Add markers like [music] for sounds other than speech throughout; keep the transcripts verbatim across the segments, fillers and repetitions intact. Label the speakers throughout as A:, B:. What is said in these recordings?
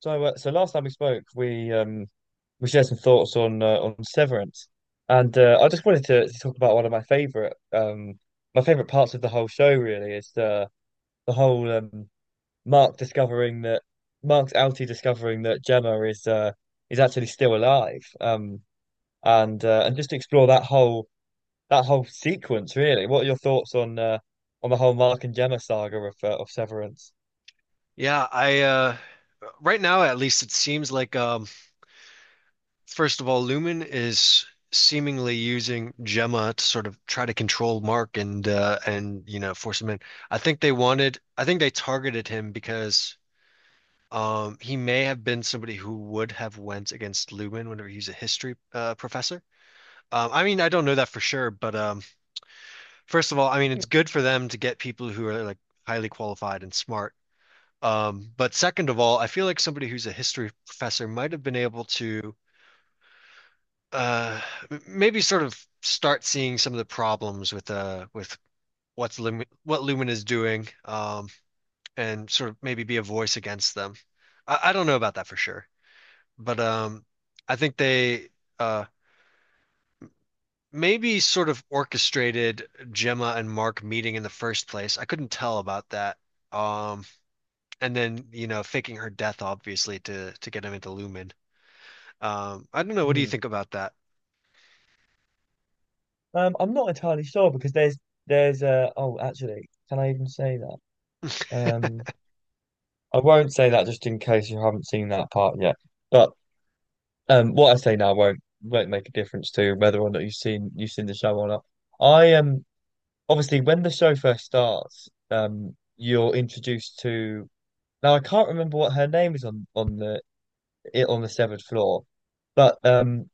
A: So, uh, so last time we spoke, we um we shared some thoughts on uh, on Severance, and uh, I just wanted to, to talk about one of my favorite um my favorite parts of the whole show. Really, is the the whole um Mark discovering that Mark's outie discovering that Gemma is uh is actually still alive. Um and uh, and just to explore that whole that whole sequence. Really, what are your thoughts on uh on the whole Mark and Gemma saga of uh, of Severance?
B: Yeah, I uh right now at least it seems like um first of all, Lumen is seemingly using Gemma to sort of try to control Mark and uh and you know force him in. I think they wanted I think they targeted him because um he may have been somebody who would have went against Lumen whenever he's a history uh professor. Um I mean, I don't know that for sure, but um first of all, I mean
A: Yeah.
B: it's good for them to get people who are like highly qualified and smart. Um, but second of all, I feel like somebody who's a history professor might have been able to uh, m- maybe sort of start seeing some of the problems with uh with what's Lumen, what Lumen is doing, um, and sort of maybe be a voice against them. I, I don't know about that for sure, but um, I think they uh, maybe sort of orchestrated Gemma and Mark meeting in the first place. I couldn't tell about that. Um, and then you know faking her death, obviously, to to get him into Lumen. Um, I don't know. What do you
A: Hmm.
B: think about that?
A: Um, I'm not entirely sure because there's there's uh oh, actually, can I even say that? Um, I won't say that just in case you haven't seen that part yet. But um, what I say now won't won't make a difference to whether or not you've seen you've seen the show or not. I am. Obviously when the show first starts, um, you're introduced to, now I can't remember what her name is on on the it on the severed floor, but um,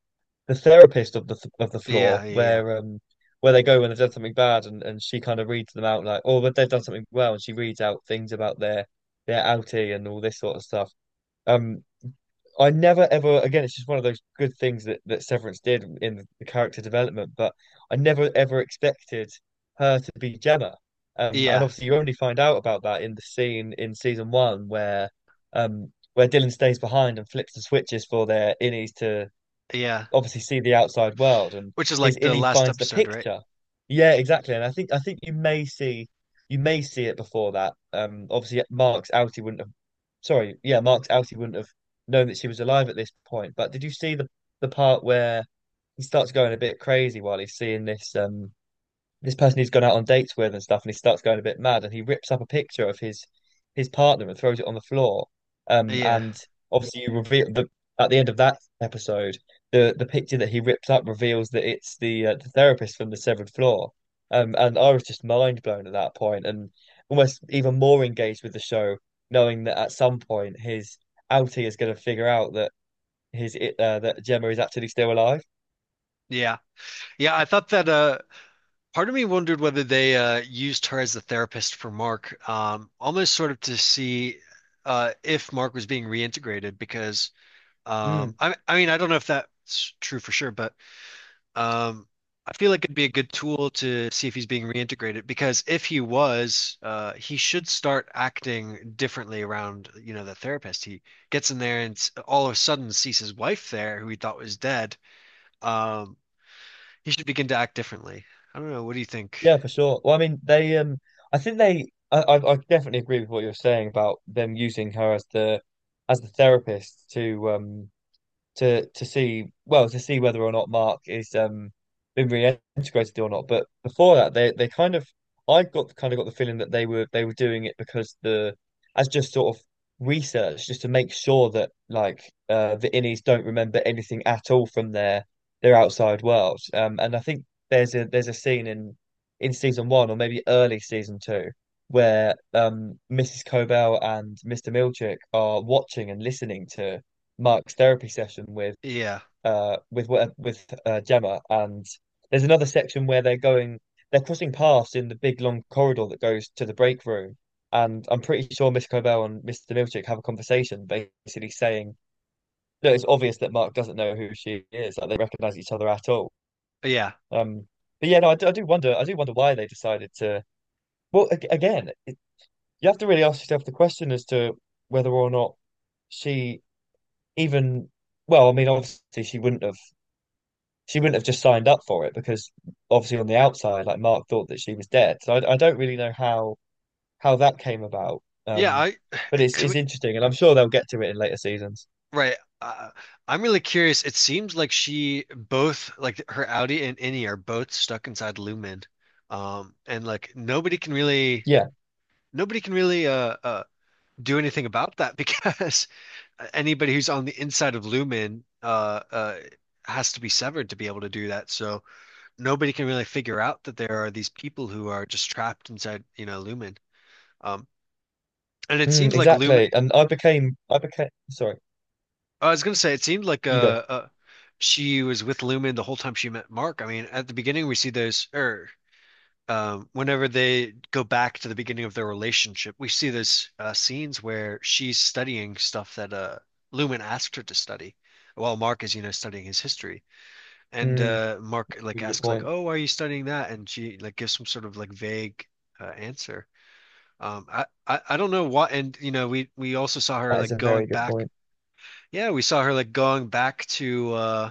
A: the therapist of the of the floor
B: Yeah, yeah, yeah,
A: where um where they go when they've done something bad and, and she kind of reads them out like, oh, but they've done something well, and she reads out things about their their outie and all this sort of stuff. Um, I never ever again. It's just one of those good things that that Severance did in the character development. But I never ever expected her to be Gemma. Um, and
B: yeah,
A: obviously, you only find out about that in the scene in season one where um where Dylan stays behind and flips the switches for their innies to
B: yeah.
A: obviously see the outside world, and
B: Which is
A: his
B: like the
A: Illy
B: last
A: finds the
B: episode, right?
A: picture. Yeah, exactly. And I think I think you may see you may see it before that. Um obviously, Mark's outie wouldn't have, sorry, yeah, Mark's outie wouldn't have known that she was alive at this point. But did you see the the part where he starts going a bit crazy while he's seeing this um this person he's gone out on dates with and stuff, and he starts going a bit mad, and he rips up a picture of his his partner and throws it on the floor. Um,
B: Yeah,
A: and obviously, you reveal the at the end of that episode, the the picture that he ripped up reveals that it's the uh, the therapist from the severed floor. Um, and I was just mind blown at that point, and almost even more engaged with the show, knowing that at some point his outie is going to figure out that his uh, that Gemma is actually still alive.
B: yeah, yeah. I thought that uh, part of me wondered whether they uh, used her as the therapist for Mark, um, almost sort of to see uh, if Mark was being reintegrated because um,
A: Mm.
B: I, I mean, I don't know if that's true for sure, but Um, I feel like it'd be a good tool to see if he's being reintegrated because if he was, uh, he should start acting differently around, you know, the therapist. He gets in there and s- all of a sudden sees his wife there, who he thought was dead. Um, he should begin to act differently. I don't know. What do you think?
A: Yeah, for sure. Well, I mean, they um, I think they, I, I, I definitely agree with what you're saying about them using her as the, as the therapist to um, to to see well to see whether or not Mark is um been reintegrated or not. But before that, they they kind of I got kind of got the feeling that they were they were doing it because the as just sort of research, just to make sure that, like, uh the innies don't remember anything at all from their their outside world. Um, and I think there's a there's a scene in in season one or maybe early season two, where um, missus Cobell and mister Milchick are watching and listening to Mark's therapy session with
B: Yeah.
A: uh with what- with uh, Gemma, and there's another section where they're going they're crossing paths in the big long corridor that goes to the break room, and I'm pretty sure Miss Cobell and mister Milchick have a conversation, basically saying that it's obvious that Mark doesn't know who she is, like they recognize each other at all.
B: Yeah.
A: Um, but yeah, no, I do, I do wonder, I do wonder why they decided to. Well, again, it, you have to really ask yourself the question as to whether or not she even. Well, I mean, obviously she wouldn't have she wouldn't have just signed up for it because obviously on the outside, like, Mark thought that she was dead. So I, I don't really know how how that came about.
B: Yeah.
A: Um,
B: I,
A: but
B: [sighs]
A: it's
B: to
A: it's
B: me,
A: interesting, and I'm sure they'll get to it in later seasons.
B: right. Uh, I'm really curious. It seems like she both, like her Audi and Innie, are both stuck inside Lumen. Um, and like nobody can really.
A: Yeah,
B: Nobody can really uh, uh do anything about that because [laughs] anybody who's on the inside of Lumen uh uh has to be severed to be able to do that. So nobody can really figure out that there are these people who are just trapped inside, you know, Lumen. Um, and it
A: mm,
B: seems like Lumen.
A: exactly. And I became I became, sorry,
B: I was gonna say it seemed like
A: you go.
B: uh, uh she was with Lumen the whole time she met Mark. I mean, at the beginning we see those, or um, whenever they go back to the beginning of their relationship, we see this uh, scenes where she's studying stuff that uh, Lumen asked her to study, while Mark is, you know, studying his history. And
A: Mm,
B: uh, Mark
A: that's a
B: like
A: really good
B: asks like,
A: point.
B: "Oh, why are you studying that?" And she like gives some sort of like vague uh, answer. Um, I, I I don't know what, and you know, we we also saw her
A: That is
B: like
A: a very
B: going
A: good
B: back.
A: point.
B: Yeah, we saw her like going back to uh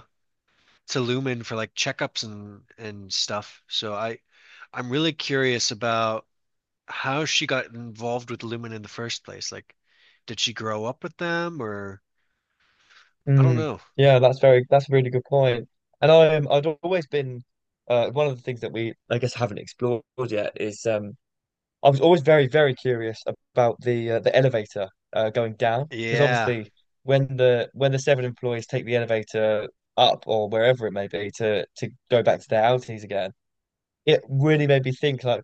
B: to Lumen for like checkups and and stuff. So I I'm really curious about how she got involved with Lumen in the first place. Like, did she grow up with them or I don't
A: Mm,
B: know.
A: yeah, that's very that's a really good point. And I um, I'd always been uh, one of the things that we, I guess, haven't explored yet is um I was always very, very curious about the uh, the elevator, uh, going down, because
B: Yeah,
A: obviously when the when the seven employees take the elevator up or wherever it may be to to go back to their outings again, it really made me think, like,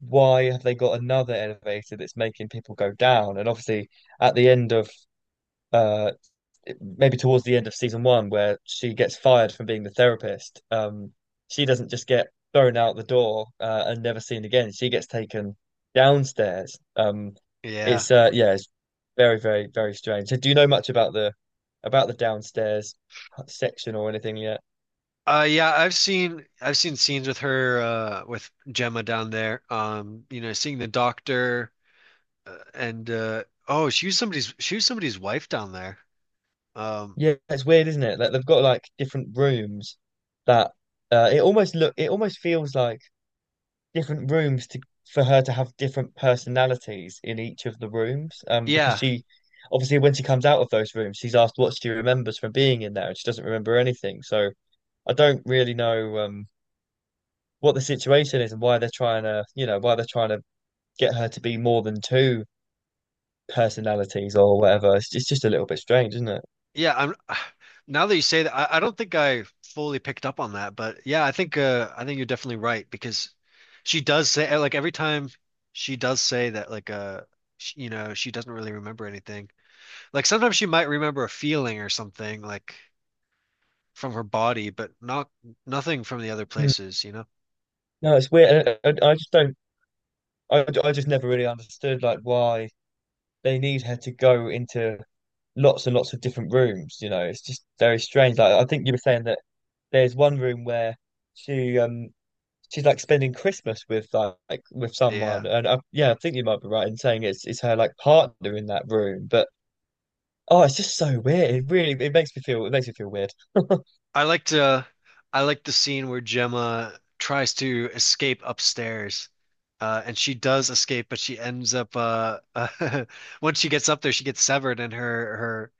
A: why have they got another elevator that's making people go down? And obviously at the end of, uh maybe towards the end of season one, where she gets fired from being the therapist. Um, she doesn't just get thrown out the door, uh, and never seen again. She gets taken downstairs. Um,
B: yeah.
A: it's uh, yeah, it's very, very, very strange. So do you know much about the about the downstairs section or anything yet?
B: Uh yeah, I've seen I've seen scenes with her uh with Gemma down there. Um, you know, seeing the doctor uh, and uh oh, she was somebody's she was somebody's wife down there. Um,
A: Yeah, it's weird, isn't it? Like, they've got, like, different rooms that, uh, it almost look it almost feels like different rooms to for her to have different personalities in each of the rooms. Um, because
B: yeah.
A: she obviously when she comes out of those rooms, she's asked what she remembers from being in there, and she doesn't remember anything. So I don't really know um what the situation is and why they're trying to, you know, why they're trying to get her to be more than two personalities or whatever. It's, just, it's just a little bit strange, isn't it?
B: Yeah, I'm [sighs] now that you say that, I, I don't think I fully picked up on that, but yeah, I think uh I think you're definitely right because she does say eh, like every time she does say that like uh sh you know, she doesn't really remember anything. Like sometimes she might remember a feeling or something like from her body, but not nothing from the other
A: Hmm.
B: places, you know?
A: No, it's weird. And I, I, I just don't. I, I just never really understood, like, why they need her to go into lots and lots of different rooms. You know, it's just very strange. Like, I think you were saying that there's one room where she um she's like spending Christmas with like with
B: Yeah.
A: someone, and I, yeah, I think you might be right in saying it's it's her, like, partner in that room. But, oh, it's just so weird. It really it makes me feel it makes me feel weird. [laughs]
B: I liked uh I liked the scene where Gemma tries to escape upstairs. Uh, and she does escape, but she ends up uh, [laughs] once she gets up there, she gets severed, and her her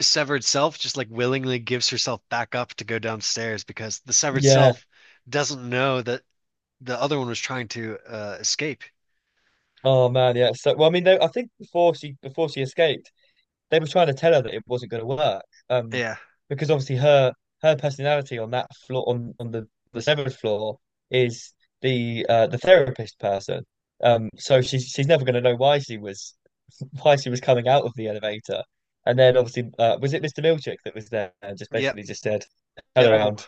B: severed self just like willingly gives herself back up to go downstairs because the severed
A: Yeah.
B: self doesn't know that the other one was trying to uh, escape.
A: Oh, man. Yeah. So, well, I mean, though, I think before she before she escaped, they were trying to tell her that it wasn't going to work. Um,
B: Yeah.
A: because obviously her her personality on that floor, on on the the seventh floor, is the uh the therapist person. Um, so she's she's never going to know why she was [laughs] why she was coming out of the elevator. And then obviously, uh, was it mister Milchick that was there, and just
B: Yep.
A: basically just said, turn
B: Yep.
A: around,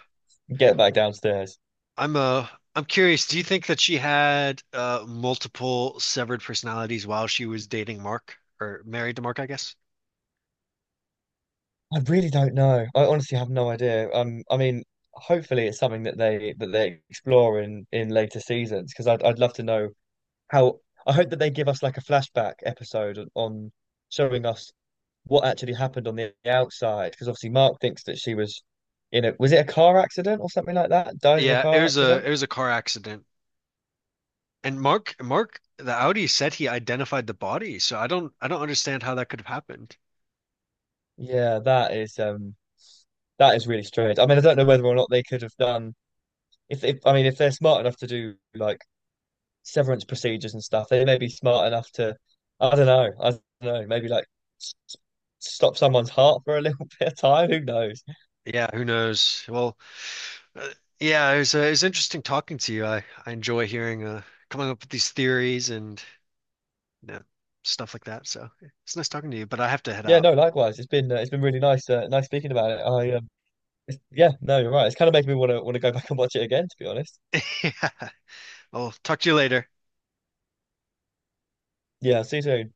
A: get back downstairs.
B: I'm uh I'm curious, do you think that she had uh multiple severed personalities while she was dating Mark or married to Mark, I guess?
A: I really don't know. I honestly have no idea. Um, I mean, hopefully it's something that they that they explore in in later seasons, because I'd I'd love to know how I hope that they give us, like, a flashback episode on, on showing us what actually happened on the outside. Because obviously Mark thinks that she was in a, was it a car accident or something like that? Died in a
B: Yeah, it
A: car
B: was a
A: accident.
B: it was a car accident. And Mark Mark the Audi said he identified the body, so I don't I don't understand how that could have happened.
A: Yeah, that is um that is really strange. I mean, I don't know whether or not they could have done, if, if, I mean, if they're smart enough to do, like, severance procedures and stuff, they may be smart enough to, I don't know, I don't know, maybe, like, s- stop someone's heart for a little [laughs] bit of time. Who knows?
B: Yeah, who knows? Well, uh, yeah, it was uh, it was interesting talking to you. I I enjoy hearing uh coming up with these theories and you know, stuff like that. So, it's nice talking to you, but I have to head
A: Yeah,
B: out.
A: no, likewise. It's been uh, it's been really nice, uh, nice speaking about it. I um, it's, yeah, no, you're right. It's kind of making me want to want to go back and watch it again, to be honest.
B: [laughs] Yeah. I'll talk to you later.
A: Yeah, see you soon.